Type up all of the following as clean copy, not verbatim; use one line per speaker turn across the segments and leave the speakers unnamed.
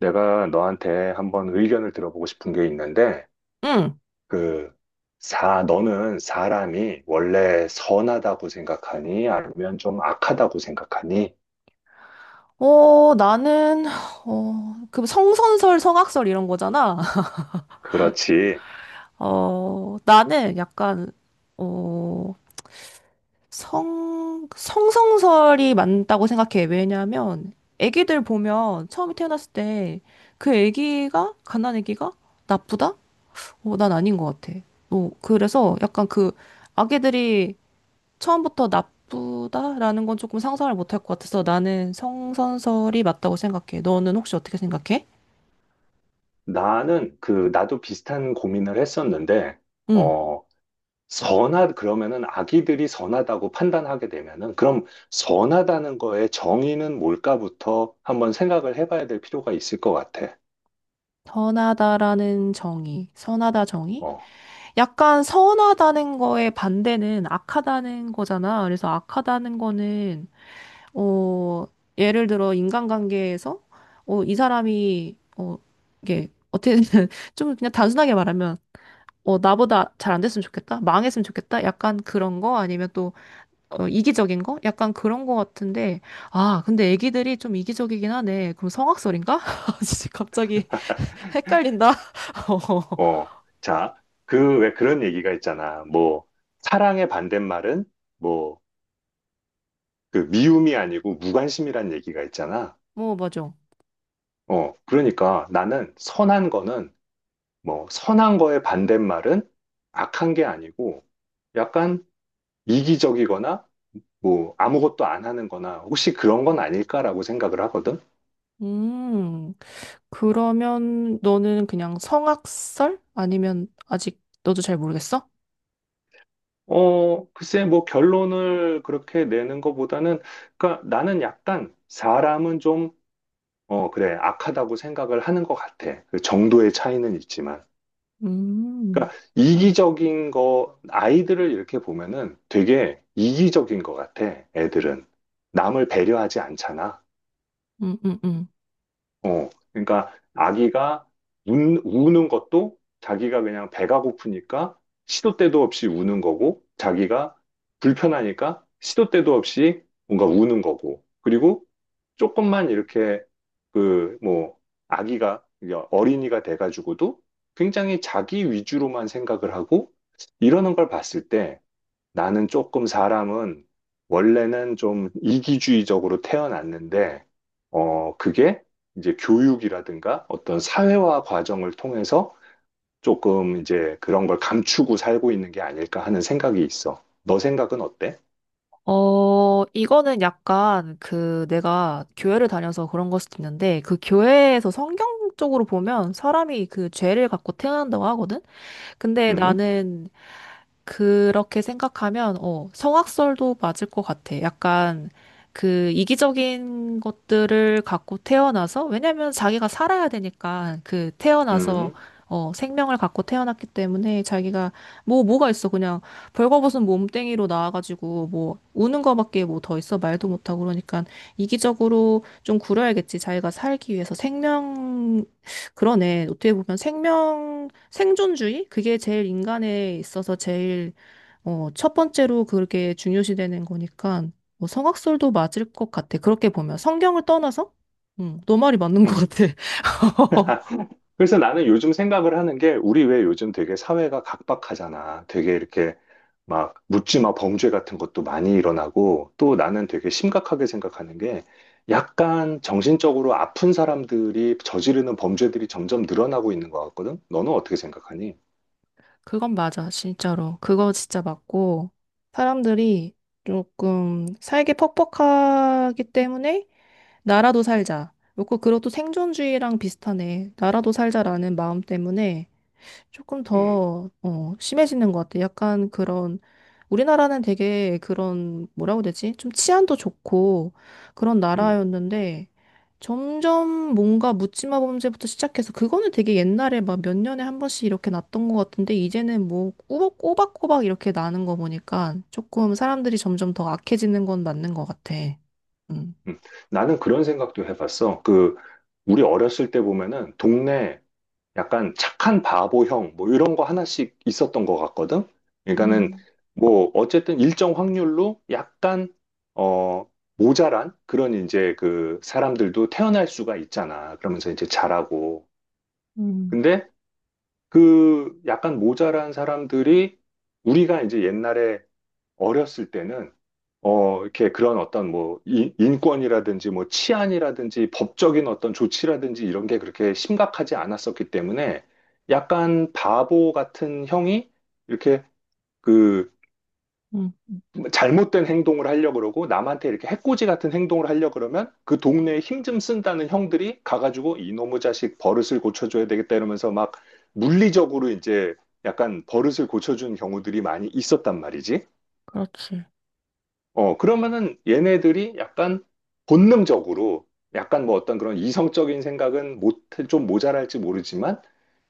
내가 너한테 한번 의견을 들어보고 싶은 게 있는데,
응.
그, 너는 사람이 원래 선하다고 생각하니? 아니면 좀 악하다고 생각하니?
어, 나는, 그 성선설, 성악설 이런 거잖아.
그렇지.
나는 약간, 어, 성성설이 맞다고 생각해. 왜냐면, 애기들 보면 처음에 태어났을 때, 그 애기가, 갓난 애기가 나쁘다? 난 아닌 것 같아. 그래서 약간 그, 아기들이 처음부터 나쁘다라는 건 조금 상상을 못할 것 같아서 나는 성선설이 맞다고 생각해. 너는 혹시 어떻게 생각해?
나는 나도 비슷한 고민을 했었는데,
응.
어, 그러면은 아기들이 선하다고 판단하게 되면은, 그럼 선하다는 거의 정의는 뭘까부터 한번 생각을 해봐야 될 필요가 있을 것 같아.
선하다라는 정의, 선하다 정의?
어.
약간 선하다는 거의 반대는 악하다는 거잖아. 그래서 악하다는 거는, 어, 예를 들어 인간관계에서, 이 사람이, 이게, 어떻게, 좀 그냥 단순하게 말하면, 나보다 잘 안 됐으면 좋겠다? 망했으면 좋겠다? 약간 그런 거? 아니면 또, 이기적인 거? 약간 그런 거 같은데, 아, 근데 애기들이 좀 이기적이긴 하네. 그럼 성악설인가? 진짜 갑자기 헷갈린다.
어, 자, 왜 그런 얘기가 있잖아. 뭐, 사랑의 반대말은, 뭐, 그 미움이 아니고 무관심이란 얘기가 있잖아.
뭐, 맞아.
어, 그러니까 나는 선한 거는, 뭐, 선한 거의 반대말은 악한 게 아니고, 약간 이기적이거나, 뭐, 아무것도 안 하는 거나, 혹시 그런 건 아닐까라고 생각을 하거든?
음, 그러면 너는 그냥 성악설? 아니면 아직 너도 잘 모르겠어?
글쎄, 뭐, 결론을 그렇게 내는 것보다는, 그러니까 나는 약간 사람은 좀 어, 그래. 악하다고 생각을 하는 것 같아. 그 정도의 차이는 있지만.
음,
그러니까 이기적인 거, 아이들을 이렇게 보면은 되게 이기적인 것 같아. 애들은. 남을 배려하지 않잖아.
음, 음, 음.
어, 그러니까 아기가 우는 것도 자기가 그냥 배가 고프니까 시도 때도 없이 우는 거고, 자기가 불편하니까 시도 때도 없이 뭔가 우는 거고, 그리고 조금만 이렇게 그, 뭐, 아기가, 어린이가 돼가지고도 굉장히 자기 위주로만 생각을 하고 이러는 걸 봤을 때 나는 조금 사람은 원래는 좀 이기주의적으로 태어났는데, 그게 이제 교육이라든가 어떤 사회화 과정을 통해서 조금 이제 그런 걸 감추고 살고 있는 게 아닐까 하는 생각이 있어. 너 생각은 어때?
이거는 약간 그 내가 교회를 다녀서 그런 걸 수도 있는데 그 교회에서 성경적으로 보면 사람이 그 죄를 갖고 태어난다고 하거든? 근데
음,
나는 그렇게 생각하면, 성악설도 맞을 것 같아. 약간 그 이기적인 것들을 갖고 태어나서, 왜냐면 자기가 살아야 되니까, 그 태어나서,
음,
생명을 갖고 태어났기 때문에 자기가, 뭐, 뭐가 있어. 그냥 벌거벗은 몸뚱이로 나와가지고, 뭐, 우는 거밖에 뭐 더 있어. 말도 못하고 그러니까 이기적으로 좀 구려야겠지. 자기가 살기 위해서 생명, 그러네. 어떻게 보면 생명, 생존주의? 그게 제일 인간에 있어서 제일 첫 번째로 그렇게 중요시되는 거니까 뭐 성악설도 맞을 것 같아. 그렇게 보면 성경을 떠나서? 응, 너 말이 맞는 것
음.
같아.
그래서 나는 요즘 생각을 하는 게 우리 왜 요즘 되게 사회가 각박하잖아. 되게 이렇게 막 묻지마 범죄 같은 것도 많이 일어나고 또 나는 되게 심각하게 생각하는 게 약간 정신적으로 아픈 사람들이 저지르는 범죄들이 점점 늘어나고 있는 것 같거든. 너는 어떻게 생각하니?
그건 맞아, 진짜로. 그거 진짜 맞고 사람들이 조금 살기 퍽퍽하기 때문에 나라도 살자. 그리고 그것도 생존주의랑 비슷하네. 나라도 살자라는 마음 때문에 조금
음,
더, 심해지는 것 같아. 약간 그런, 우리나라는 되게 그런, 뭐라고 해야 되지? 좀 치안도 좋고 그런
음,
나라였는데, 점점 뭔가 묻지마 범죄부터 시작해서, 그거는 되게 옛날에 막 몇 년에 한 번씩 이렇게 났던 것 같은데, 이제는 뭐 꼬박꼬박 이렇게 나는 거 보니까 조금 사람들이 점점 더 악해지는 건 맞는 것 같아. 음.
음. 나는 그런 생각도 해봤어. 그 우리 어렸을 때 보면은 동네 약간 착한 바보형 뭐 이런 거 하나씩 있었던 것 같거든. 그러니까는
음,
뭐 어쨌든 일정 확률로 약간 어 모자란 그런 이제 그 사람들도 태어날 수가 있잖아. 그러면서 이제 자라고.
음,
근데 그 약간 모자란 사람들이 우리가 이제 옛날에 어렸을 때는 어, 이렇게 그런 어떤 뭐 인권이라든지 뭐 치안이라든지 법적인 어떤 조치라든지 이런 게 그렇게 심각하지 않았었기 때문에 약간 바보 같은 형이 이렇게 그
음,
잘못된 행동을 하려고 그러고 남한테 이렇게 해코지 같은 행동을 하려고 그러면 그 동네에 힘 좀 쓴다는 형들이 가가지고 이놈의 자식 버릇을 고쳐줘야 되겠다 이러면서 막 물리적으로 이제 약간 버릇을 고쳐준 경우들이 많이 있었단 말이지.
그렇지.
어, 그러면은 얘네들이 약간 본능적으로 약간 뭐 어떤 그런 이성적인 생각은 못, 좀 모자랄지 모르지만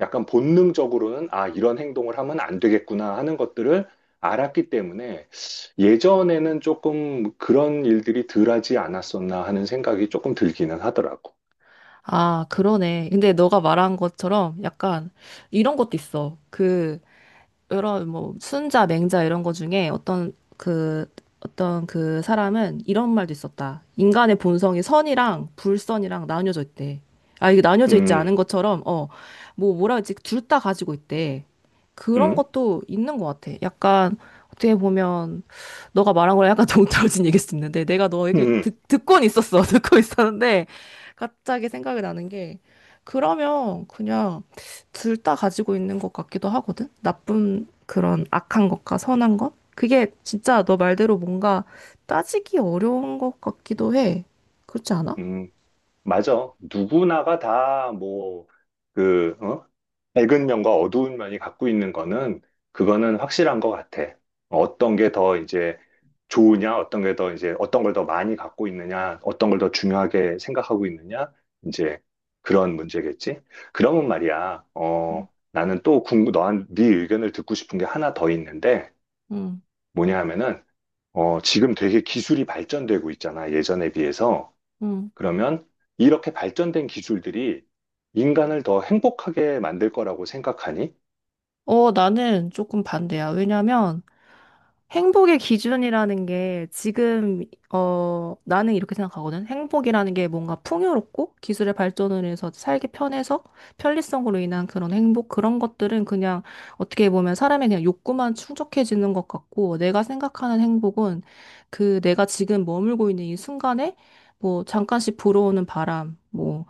약간 본능적으로는 아, 이런 행동을 하면 안 되겠구나 하는 것들을 알았기 때문에 예전에는 조금 그런 일들이 덜하지 않았었나 하는 생각이 조금 들기는 하더라고.
아, 그러네. 근데 너가 말한 것처럼 약간 이런 것도 있어. 그, 이런 뭐 순자, 맹자 이런 거 중에 어떤 그 사람은 이런 말도 있었다. 인간의 본성이 선이랑 불선이랑 나뉘어져 있대. 아, 이게 나뉘어져 있지
음,
않은 것처럼 뭐 뭐라 그러지? 둘 다 가지고 있대. 그런
음,
것도 있는 것 같아. 약간 어떻게 보면 너가 말한 거랑 약간 동떨어진 얘기일 수 있는데 내가 너에게
음,
듣고는 있었어. 듣고 있었는데 갑자기 생각이 나는 게 그러면 그냥 둘 다 가지고 있는 것 같기도 하거든? 나쁜 그런 악한 것과 선한 것? 그게 진짜 너 말대로 뭔가 따지기 어려운 것 같기도 해. 그렇지 않아?
음. 맞아. 누구나가 다 뭐, 어? 밝은 면과 어두운 면이 갖고 있는 거는, 그거는 확실한 것 같아. 어떤 게 더 이제 좋으냐, 어떤 게 더 이제, 어떤 걸 더 많이 갖고 있느냐, 어떤 걸 더 중요하게 생각하고 있느냐, 이제 그런 문제겠지. 그러면 말이야,
응,
어, 나는 또 궁금, 너한, 네 의견을 듣고 싶은 게 하나 더 있는데,
응.
뭐냐 하면은, 어, 지금 되게 기술이 발전되고 있잖아, 예전에 비해서.
응.
그러면 이렇게 발전된 기술들이 인간을 더 행복하게 만들 거라고 생각하니?
나는 조금 반대야. 왜냐면 행복의 기준이라는 게 지금, 나는 이렇게 생각하거든. 행복이라는 게 뭔가 풍요롭고 기술의 발전을 해서 살기 편해서 편리성으로 인한 그런 행복, 그런 것들은 그냥 어떻게 보면 사람의 그냥 욕구만 충족해지는 것 같고 내가 생각하는 행복은 그 내가 지금 머물고 있는 이 순간에 뭐 잠깐씩 불어오는 바람, 뭐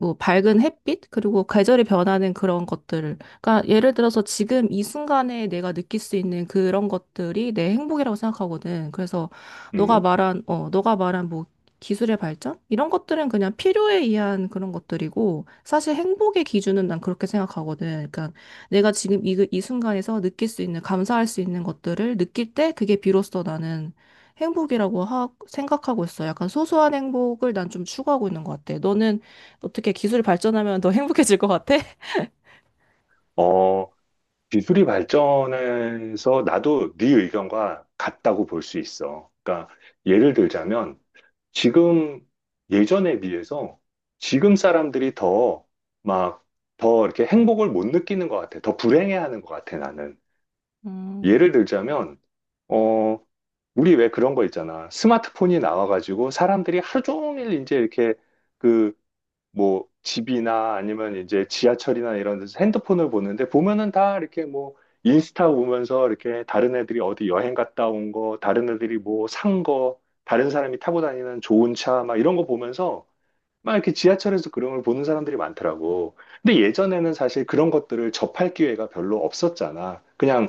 뭐 밝은 햇빛 그리고 계절이 변하는 그런 것들을 그러니까 예를 들어서 지금 이 순간에 내가 느낄 수 있는 그런 것들이 내 행복이라고 생각하거든. 그래서 너가
음,
말한 어 너가 말한 뭐 기술의 발전 이런 것들은 그냥 필요에 의한 그런 것들이고 사실 행복의 기준은 난 그렇게 생각하거든. 그러니까 내가 지금 이 순간에서 느낄 수 있는 감사할 수 있는 것들을 느낄 때 그게 비로소 나는 행복이라고 생각하고 있어. 약간 소소한 행복을 난 좀 추구하고 있는 것 같아. 너는 어떻게 기술이 발전하면 더 행복해질 것 같아?
어, 기술이 발전해서 나도 네 의견과 같다고 볼 수 있어. 예를 들자면 지금 예전에 비해서 지금 사람들이 더 막 더 이렇게 행복을 못 느끼는 것 같아. 더 불행해하는 것 같아, 나는.
음.
예를 들자면, 어, 우리 왜 그런 거 있잖아. 스마트폰이 나와가지고 사람들이 하루 종일 이제 이렇게 그 뭐 집이나 아니면 이제 지하철이나 이런 데서 핸드폰을 보는데 보면은 다 이렇게 뭐 인스타 보면서 이렇게 다른 애들이 어디 여행 갔다 온 거, 다른 애들이 뭐 산 거, 다른 사람이 타고 다니는 좋은 차 막 이런 거 보면서 막 이렇게 지하철에서 그런 걸 보는 사람들이 많더라고. 근데 예전에는 사실 그런 것들을 접할 기회가 별로 없었잖아. 그냥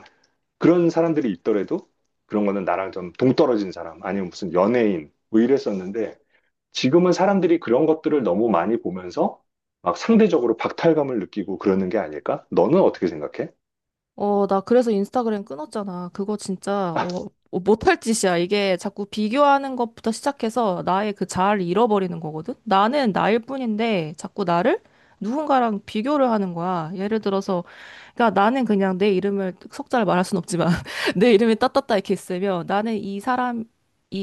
그런 사람들이 있더라도 그런 거는 나랑 좀 동떨어진 사람 아니면 무슨 연예인 뭐 이랬었는데 지금은 사람들이 그런 것들을 너무 많이 보면서 막 상대적으로 박탈감을 느끼고 그러는 게 아닐까? 너는 어떻게 생각해?
나 그래서 인스타그램 끊었잖아. 그거 진짜,
아,
못할 짓이야. 이게 자꾸 비교하는 것부터 시작해서 나의 그 자아를 잃어버리는 거거든? 나는 나일 뿐인데 자꾸 나를 누군가랑 비교를 하는 거야. 예를 들어서, 그러니까 나는 그냥 내 이름을 석자를 말할 순 없지만 내 이름이 따따따 이렇게 있으면 나는 이 사람이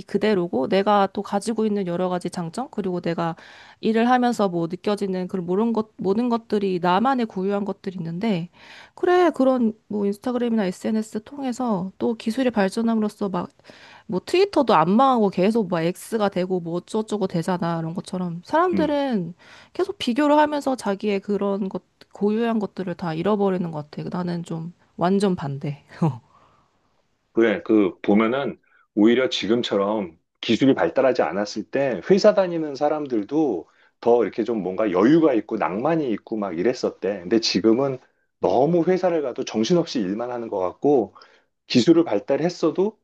그대로고 내가 또 가지고 있는 여러 가지 장점 그리고 내가 일을 하면서 뭐 느껴지는 그런 모든 것 모든 것들이 나만의 고유한 것들이 있는데 그래, 그런 뭐 인스타그램이나 SNS 통해서 또 기술이 발전함으로써 막 뭐 트위터도 안 망하고 계속 막 X가 되고 뭐 어쩌고저쩌고 되잖아. 이런 것처럼
음,
사람들은 계속 비교를 하면서 자기의 그런 것, 고유한 것들을 다 잃어버리는 것 같아. 나는 좀 완전 반대.
그래. 그 보면은 오히려 지금처럼 기술이 발달하지 않았을 때 회사 다니는 사람들도 더 이렇게 좀 뭔가 여유가 있고 낭만이 있고 막 이랬었대. 근데 지금은 너무 회사를 가도 정신없이 일만 하는 것 같고 기술을 발달했어도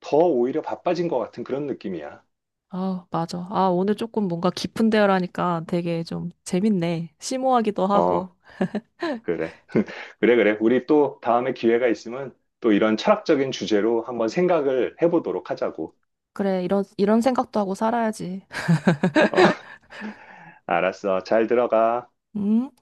더 오히려 바빠진 것 같은 그런 느낌이야.
아, 맞아. 아, 오늘 조금 뭔가 깊은 대화를 하니까 되게 좀 재밌네. 심오하기도
어,
하고.
그래. 그래, 그래. 우리 또 다음에 기회가 있으면 또 이런 철학적인 주제로 한번 생각을 해보도록 하자고.
그래, 이런, 이런 생각도 하고 살아야지.
어, 알았어. 잘 들어가.
음.